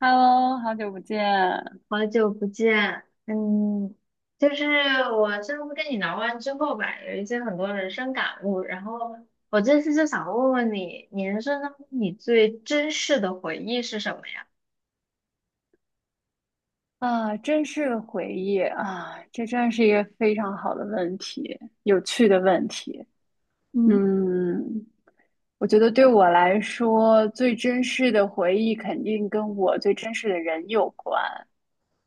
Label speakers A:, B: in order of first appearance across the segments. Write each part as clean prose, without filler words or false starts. A: Hello,好久不见。
B: 好久不见，就是我上次跟你聊完之后吧，有一些很多人生感悟，然后我这次就想问问你，你人生当中你最珍视的回忆是什么呀？
A: 啊，真是个回忆啊！这真是一个非常好的问题，有趣的问题。
B: 嗯
A: 嗯，我觉得对我来说，最真实的回忆肯定跟我最真实的人有关。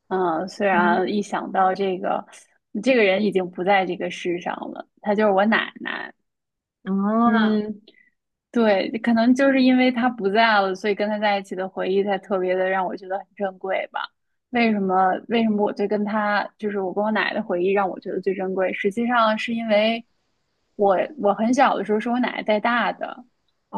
A: 嗯，虽
B: 嗯。
A: 然一想到这个，这个人已经不在这个世上了，他就是我奶奶。
B: 哦。
A: 嗯，对，可能就是因为他不在了，所以跟他在一起的回忆才特别的让我觉得很珍贵吧。为什么？为什么我对跟他，就是我跟我奶奶的回忆让我觉得最珍贵？实际上是因为我很小的时候是我奶奶带大的，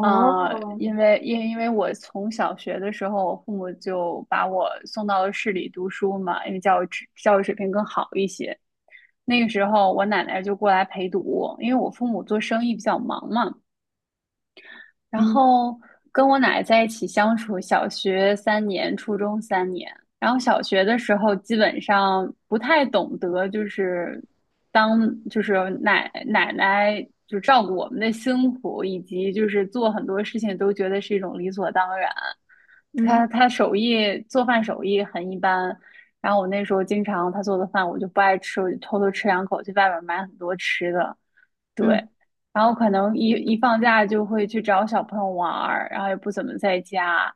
A: 因为我从小学的时候，我父母就把我送到了市里读书嘛，因为教育水平更好一些。那个时候我奶奶就过来陪读，因为我父母做生意比较忙嘛。然
B: 嗯
A: 后跟我奶奶在一起相处，小学三年，初中三年。然后小学的时候基本上不太懂得，就是当就是奶奶就照顾我们的辛苦，以及就是做很多事情都觉得是一种理所当然。她
B: 嗯
A: 她做饭手艺很一般，然后我那时候经常她做的饭我就不爱吃，我就偷偷吃两口，去外边买很多吃的。
B: 嗯。
A: 然后可能一放假就会去找小朋友玩儿，然后也不怎么在家，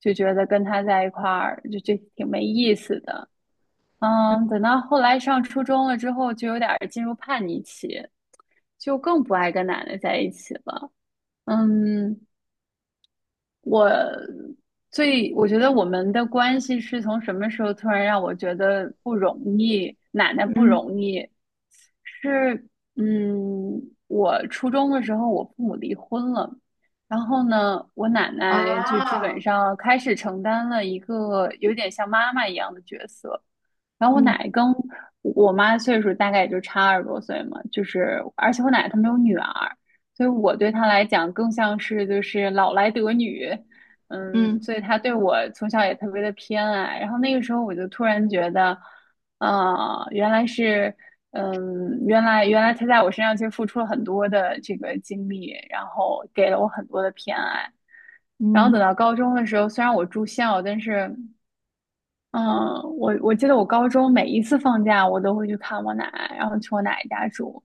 A: 就觉得跟他在一块儿就挺没意思的。嗯，等到后来上初中了之后，就有点儿进入叛逆期，就更不爱跟奶奶在一起了。嗯，我我觉得我们的关系是从什么时候突然让我觉得不容易，奶奶不
B: 嗯。
A: 容易，是，嗯，我初中的时候我父母离婚了，然后呢，我奶奶就基本
B: 哦。
A: 上开始承担了一个有点像妈妈一样的角色，然后我
B: 嗯
A: 奶跟我妈岁数大概也就差二十多岁嘛，就是而且我奶她没有女儿，所以我对她来讲更像是就是老来得女，嗯，
B: 嗯
A: 所以她对我从小也特别的偏爱。然后那个时候我就突然觉得，啊，原来是，原来她在我身上其实付出了很多的这个精力，然后给了我很多的偏爱。然后等
B: 嗯
A: 到高中的时候，虽然我住校，但是嗯，我记得我高中每一次放假，我都会去看我奶，然后去我奶家住。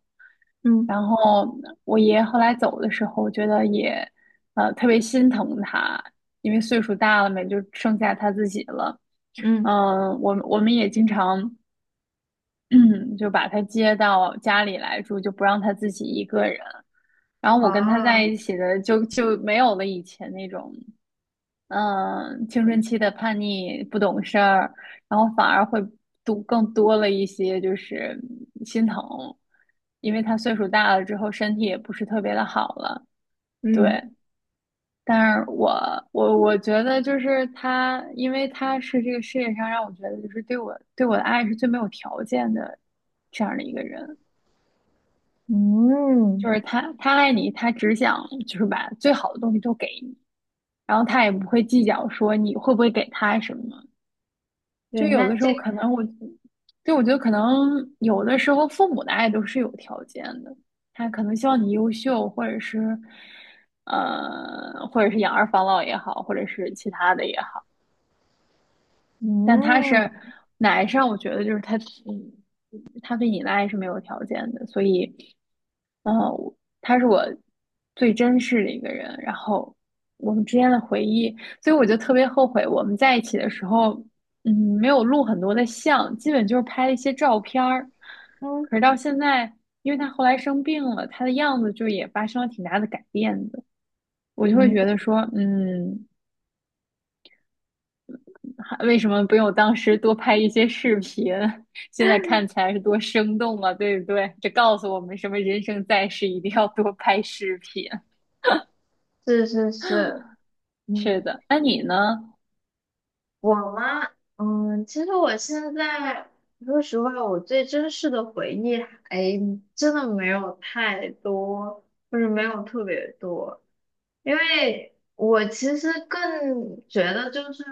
B: 嗯
A: 然后我爷后来走的时候，我觉得也，特别心疼他，因为岁数大了嘛，也就剩下他自己了。
B: 嗯。
A: 嗯，我们也经常，就把他接到家里来住，就不让他自己一个人。然后我跟他在
B: 哦。
A: 一起的就没有了以前那种嗯，青春期的叛逆、不懂事儿，然后反而会更多了一些，就是嗯心疼，因为他岁数大了之后，身体也不是特别的好了。
B: 嗯
A: 对，但是我觉得就是他，因为他是这个世界上让我觉得就是对我的爱是最没有条件的这样的一个人，
B: 嗯。
A: 就是他爱你，他只想就是把最好的东西都给你，然后他也不会计较说你会不会给他什么。就
B: 对，
A: 有
B: 那
A: 的时候
B: 这，
A: 可能我，就我觉得可能有的时候父母的爱都是有条件的，他可能希望你优秀，或者是，或者是养儿防老也好，或者是其他的也好。但他
B: 嗯
A: 是奶上，我觉得就是他，嗯，他对你的爱是没有条件的，所以，他是我最珍视的一个人，然后我们之间的回忆，所以我就特别后悔我们在一起的时候，嗯，没有录很多的像，基本就是拍了一些照片儿。
B: 嗯
A: 可是到现在，因为他后来生病了，他的样子就也发生了挺大的改变的，我就会觉
B: 嗯。
A: 得说，嗯，为什么不用当时多拍一些视频？现在 看起来是多生动啊，对不对？这告诉我们什么？人生在世一定要多拍视频。
B: 是是是。
A: 是
B: 嗯，
A: 的，那你呢？
B: 我嘛，其实我现在说实话，我最真实的回忆还真的没有太多，就是没有特别多，因为我其实更觉得就是，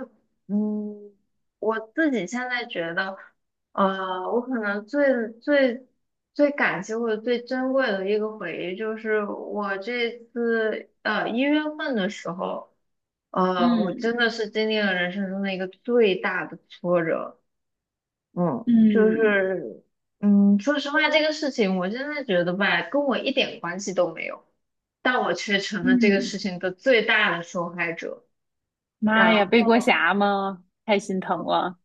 B: 嗯，我自己现在觉得。我可能最感激或者最珍贵的一个回忆，就是我这次一月份的时候。我真的
A: 嗯，
B: 是经历了人生中的一个最大的挫折。嗯，就
A: 嗯
B: 是说实话，这个事情我真的觉得吧，跟我一点关系都没有，但我却成了这个事
A: 嗯，
B: 情的最大的受害者。
A: 妈呀，
B: 然
A: 背锅
B: 后
A: 侠吗？太心疼
B: 嗯
A: 了。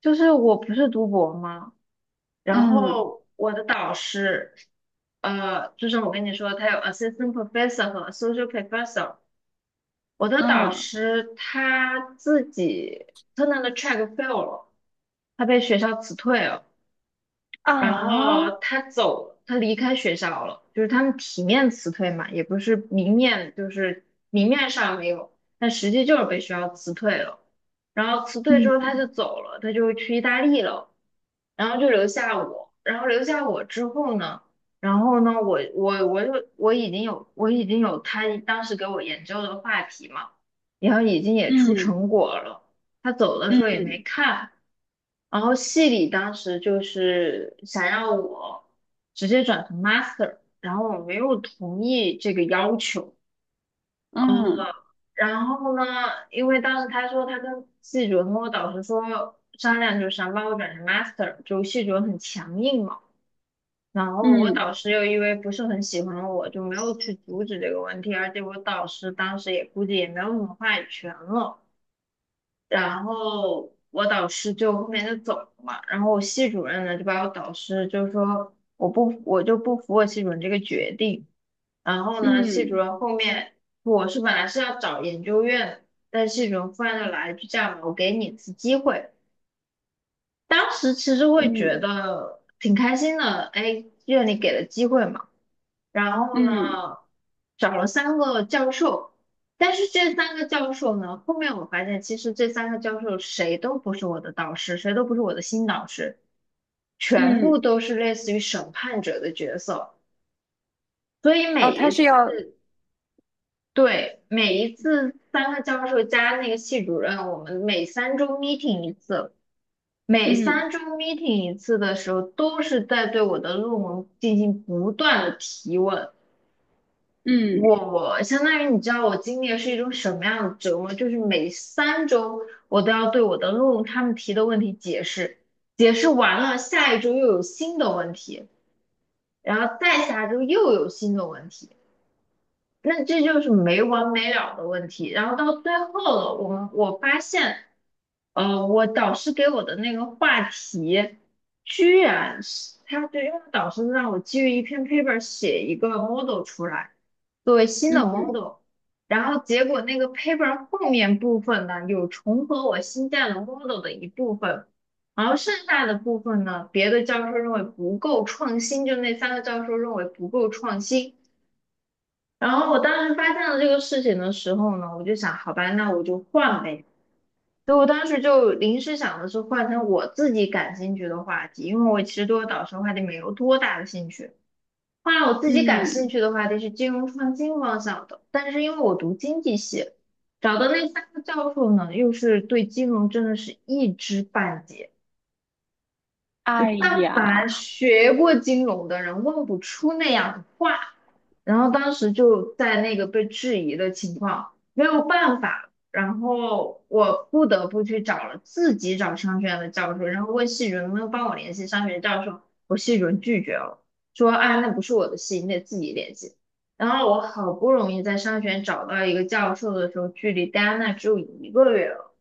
B: 就是我不是读博吗？然
A: 嗯，
B: 后我的导师，就是我跟你说，他有 assistant professor 和 associate professor。我的导
A: 嗯，
B: 师他自己 Turner 的 track fail 了，他被学校辞退了。然
A: 啊，
B: 后他走了，他离开学校了，就是他们体面辞退嘛，也不是明面，就是明面上没有，但实际就是被学校辞退了。然后辞退之后
A: 嗯，
B: 他就走了，他就去意大利了，然后就留下我。然后留下我之后呢，然后呢，我我我就我已经有我已经有他当时给我研究的话题嘛，然后已经也出成
A: 嗯，
B: 果了。他走的时候也没
A: 嗯，
B: 看。然后系里当时就是想要我直接转成 master，然后我没有同意这个要求。
A: 嗯，
B: 然后呢，因为当时他说他跟系主任跟我导师说商量，就是想把我转成 master，就系主任很强硬嘛。然后我
A: 嗯，
B: 导
A: 嗯，
B: 师又因为不是很喜欢我，就没有去阻止这个问题，而且我导师当时也估计也没有什么话语权了。然后我导师就后面就走了嘛，然后我系主任呢就把我导师就说我就不服我系主任这个决定。然后呢系主
A: 嗯，
B: 任后面，我是本来是要找研究院的，但系主任忽然就来一句："这样吧，我给你一次机会。"当时其实会觉
A: 嗯，
B: 得挺开心的，哎，院里给了机会嘛。然后
A: 嗯，
B: 呢，找了三个教授，但是这三个教授呢，后面我发现其实这三个教授谁都不是我的导师，谁都不是我的新导师，全部
A: 嗯
B: 都是类似于审判者的角色，所以
A: 哦，
B: 每
A: 他
B: 一
A: 是
B: 次。
A: 要
B: 对，每一次三个教授加那个系主任，我们每三周 meeting 一次，每三
A: 嗯，
B: 周 meeting 一次的时候，都是在对我的论文进行不断的提问。
A: 嗯，
B: 我相当于，你知道我经历的是一种什么样的折磨？就是每三周我都要对我的论文他们提的问题解释，解释完了，下一周又有新的问题，然后再下周又有新的问题。那这就是没完没了的问题。然后到最后了，我发现，我导师给我的那个话题，居然是，他，对，因为导师让我基于一篇 paper 写一个 model 出来，作为新的
A: 嗯，
B: model。然后结果那个 paper 后面部分呢，有重合我新建的 model 的一部分，然后剩下的部分呢，别的教授认为不够创新，就那三个教授认为不够创新。然后我当时发现了这个事情的时候呢，我就想，好吧，那我就换呗。所以我当时就临时想的是换成我自己感兴趣的话题，因为我其实对我导师的话题没有多大的兴趣。后来我自己感兴
A: 嗯，
B: 趣的话题是金融创新方向的，但是因为我读经济系，找的那三个教授呢，又是对金融真的是一知半解，就
A: 哎
B: 但凡
A: 呀，
B: 学过金融的人问不出那样的话。然后当时就在那个被质疑的情况，没有办法，然后我不得不去找了自己找商学院的教授，然后问系主任能不能帮我联系商学院教授，我系主任拒绝了，说："啊，那不是我的系，你得自己联系。"然后我好不容易在商学院找到一个教授的时候，距离戴安娜只有一个月了。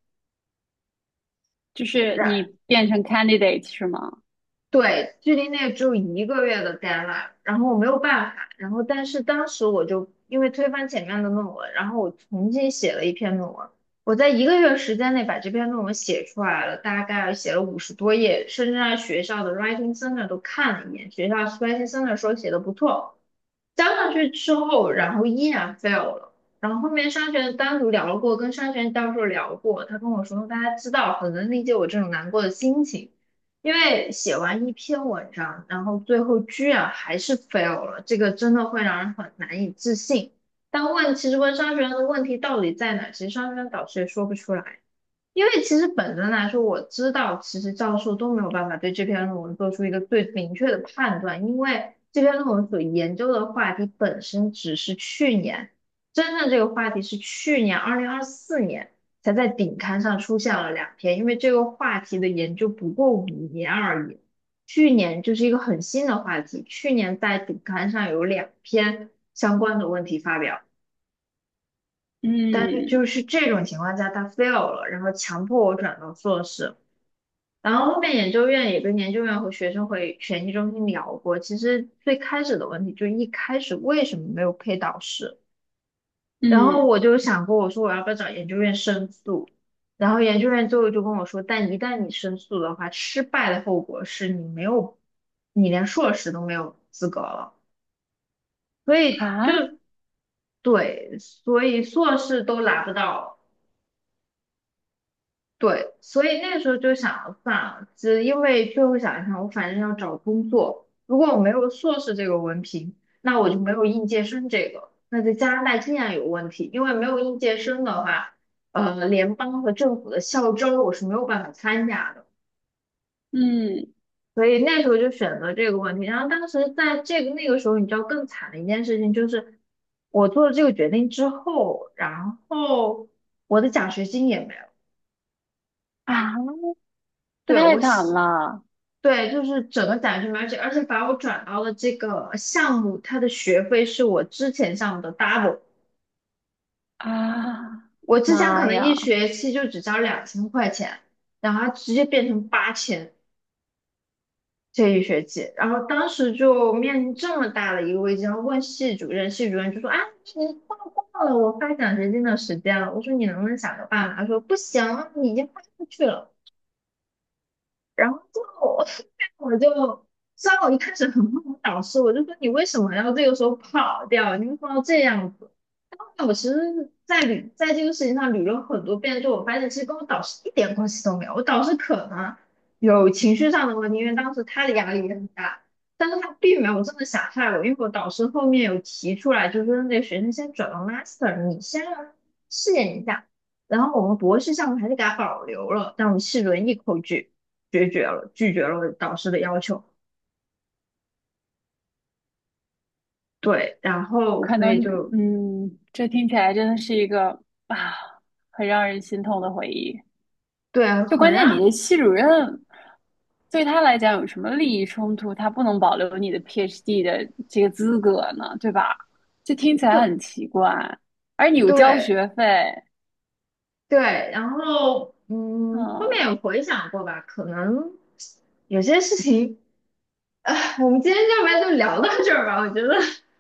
A: 就是你变成 candidate 是吗？
B: 对，距离那只有一个月的 deadline，然后我没有办法，然后但是当时我就因为推翻前面的论文，然后我重新写了一篇论文。我在一个月时间内把这篇论文写出来了，大概写了50多页，甚至让学校的 writing center 都看了一眼，学校 writing center 说写的不错。当上去之后，然后依然 fail 了。然后后面商学院单独聊过，跟商学院教授聊过，他跟我说，大家知道，很能理解我这种难过的心情，因为写完一篇文章，然后最后居然还是 fail 了，这个真的会让人很难以置信。但问，其实问商学院的问题到底在哪，其实商学院导师也说不出来。因为其实本身来说，我知道其实教授都没有办法对这篇论文做出一个最明确的判断，因为这篇论文所研究的话题本身只是去年，真正这个话题是去年2024年才在顶刊上出现了两篇，因为这个话题的研究不过5年而已。去年就是一个很新的话题，去年在顶刊上有两篇相关的问题发表。但是就
A: 嗯，
B: 是这种情况下，他 fail 了，然后强迫我转到硕士。然后后面研究院也跟研究院和学生会学习中心聊过，其实最开始的问题就是一开始为什么没有配导师？然后
A: 嗯，
B: 我就想过，我说我要不要找研究院申诉？然后研究院最后就跟我说，但一旦你申诉的话，失败的后果是你没有，你连硕士都没有资格了。所以就，
A: 啊，
B: 对，所以硕士都拿不到。对，所以那个时候就想，算了，只因为最后想一想，我反正要找工作，如果我没有硕士这个文凭，那我就没有应届生这个，那在加拿大依然有问题，因为没有应届生的话，联邦和政府的校招我是没有办法参加的，
A: 嗯，
B: 所以那时候就选择这个问题。然后当时在那个时候，你知道更惨的一件事情就是，我做了这个决定之后，然后我的奖学金也没有。
A: 啊，这
B: 对，
A: 太惨了！
B: 对，就是整个奖学金。而且把我转到了这个项目，它的学费是我之前项目的 double。
A: 啊！
B: 我之前可
A: 妈
B: 能一
A: 呀，
B: 学期就只交2000块钱，然后它直接变成8000这一学期。然后当时就面临这么大的一个危机，然后问系主任，系主任就说："啊，你错过了我发奖学金的时间了。"我说："你能不能想个办法？"他说："不行，你已经发出去了。"然后就我 我就，虽然我一开始很恨我导师，我就说："你为什么要这个时候跑掉？你为什么要这样子？"但后来我其实在这个事情上捋了很多遍，就我发现其实跟我导师一点关系都没有。我导师可能有情绪上的问题，因为当时他的压力也很大，但是他并没有真的想害我，因为我导师后面有提出来，就是说："那个学生先转到 master，你先让他试验一下。"然后我们博士项目还是给他保留了，但我们系轮一口诀。决绝了，拒绝了导师的要求。对，然后
A: 可
B: 所
A: 能
B: 以就，
A: 嗯，这听起来真的是一个啊，很让人心痛的回忆。
B: 对，
A: 就关
B: 很
A: 键你
B: 啊，
A: 的系主任对他来讲有什么利益冲突？他不能保留你的 PhD 的这个资格呢，对吧？这听起来
B: 就
A: 很奇怪，而你又交
B: 对
A: 学费。
B: 对，然后后面有
A: 嗯，
B: 回想过吧，可能有些事情，啊，我们今天要不然就聊到这儿吧，我觉得，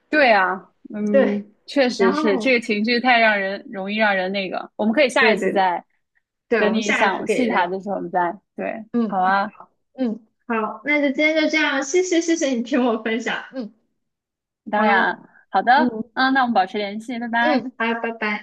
A: 对啊，
B: 对，
A: 嗯，确
B: 然
A: 实是这
B: 后
A: 个情绪太让人容易让人那个。我们可以下
B: 对
A: 一
B: 对
A: 次
B: 对
A: 再，
B: 对，我
A: 等
B: 们
A: 你
B: 下一次
A: 想
B: 可
A: 细
B: 以
A: 谈
B: 聊。
A: 的时候，我们再，对，好
B: 嗯
A: 啊，
B: 嗯。好，那就今天就这样，谢谢谢谢你听我分享。嗯。
A: 当然
B: 好。
A: 啊，好的，
B: 嗯
A: 嗯，那我们保持联系，拜拜。
B: 嗯。好，拜拜。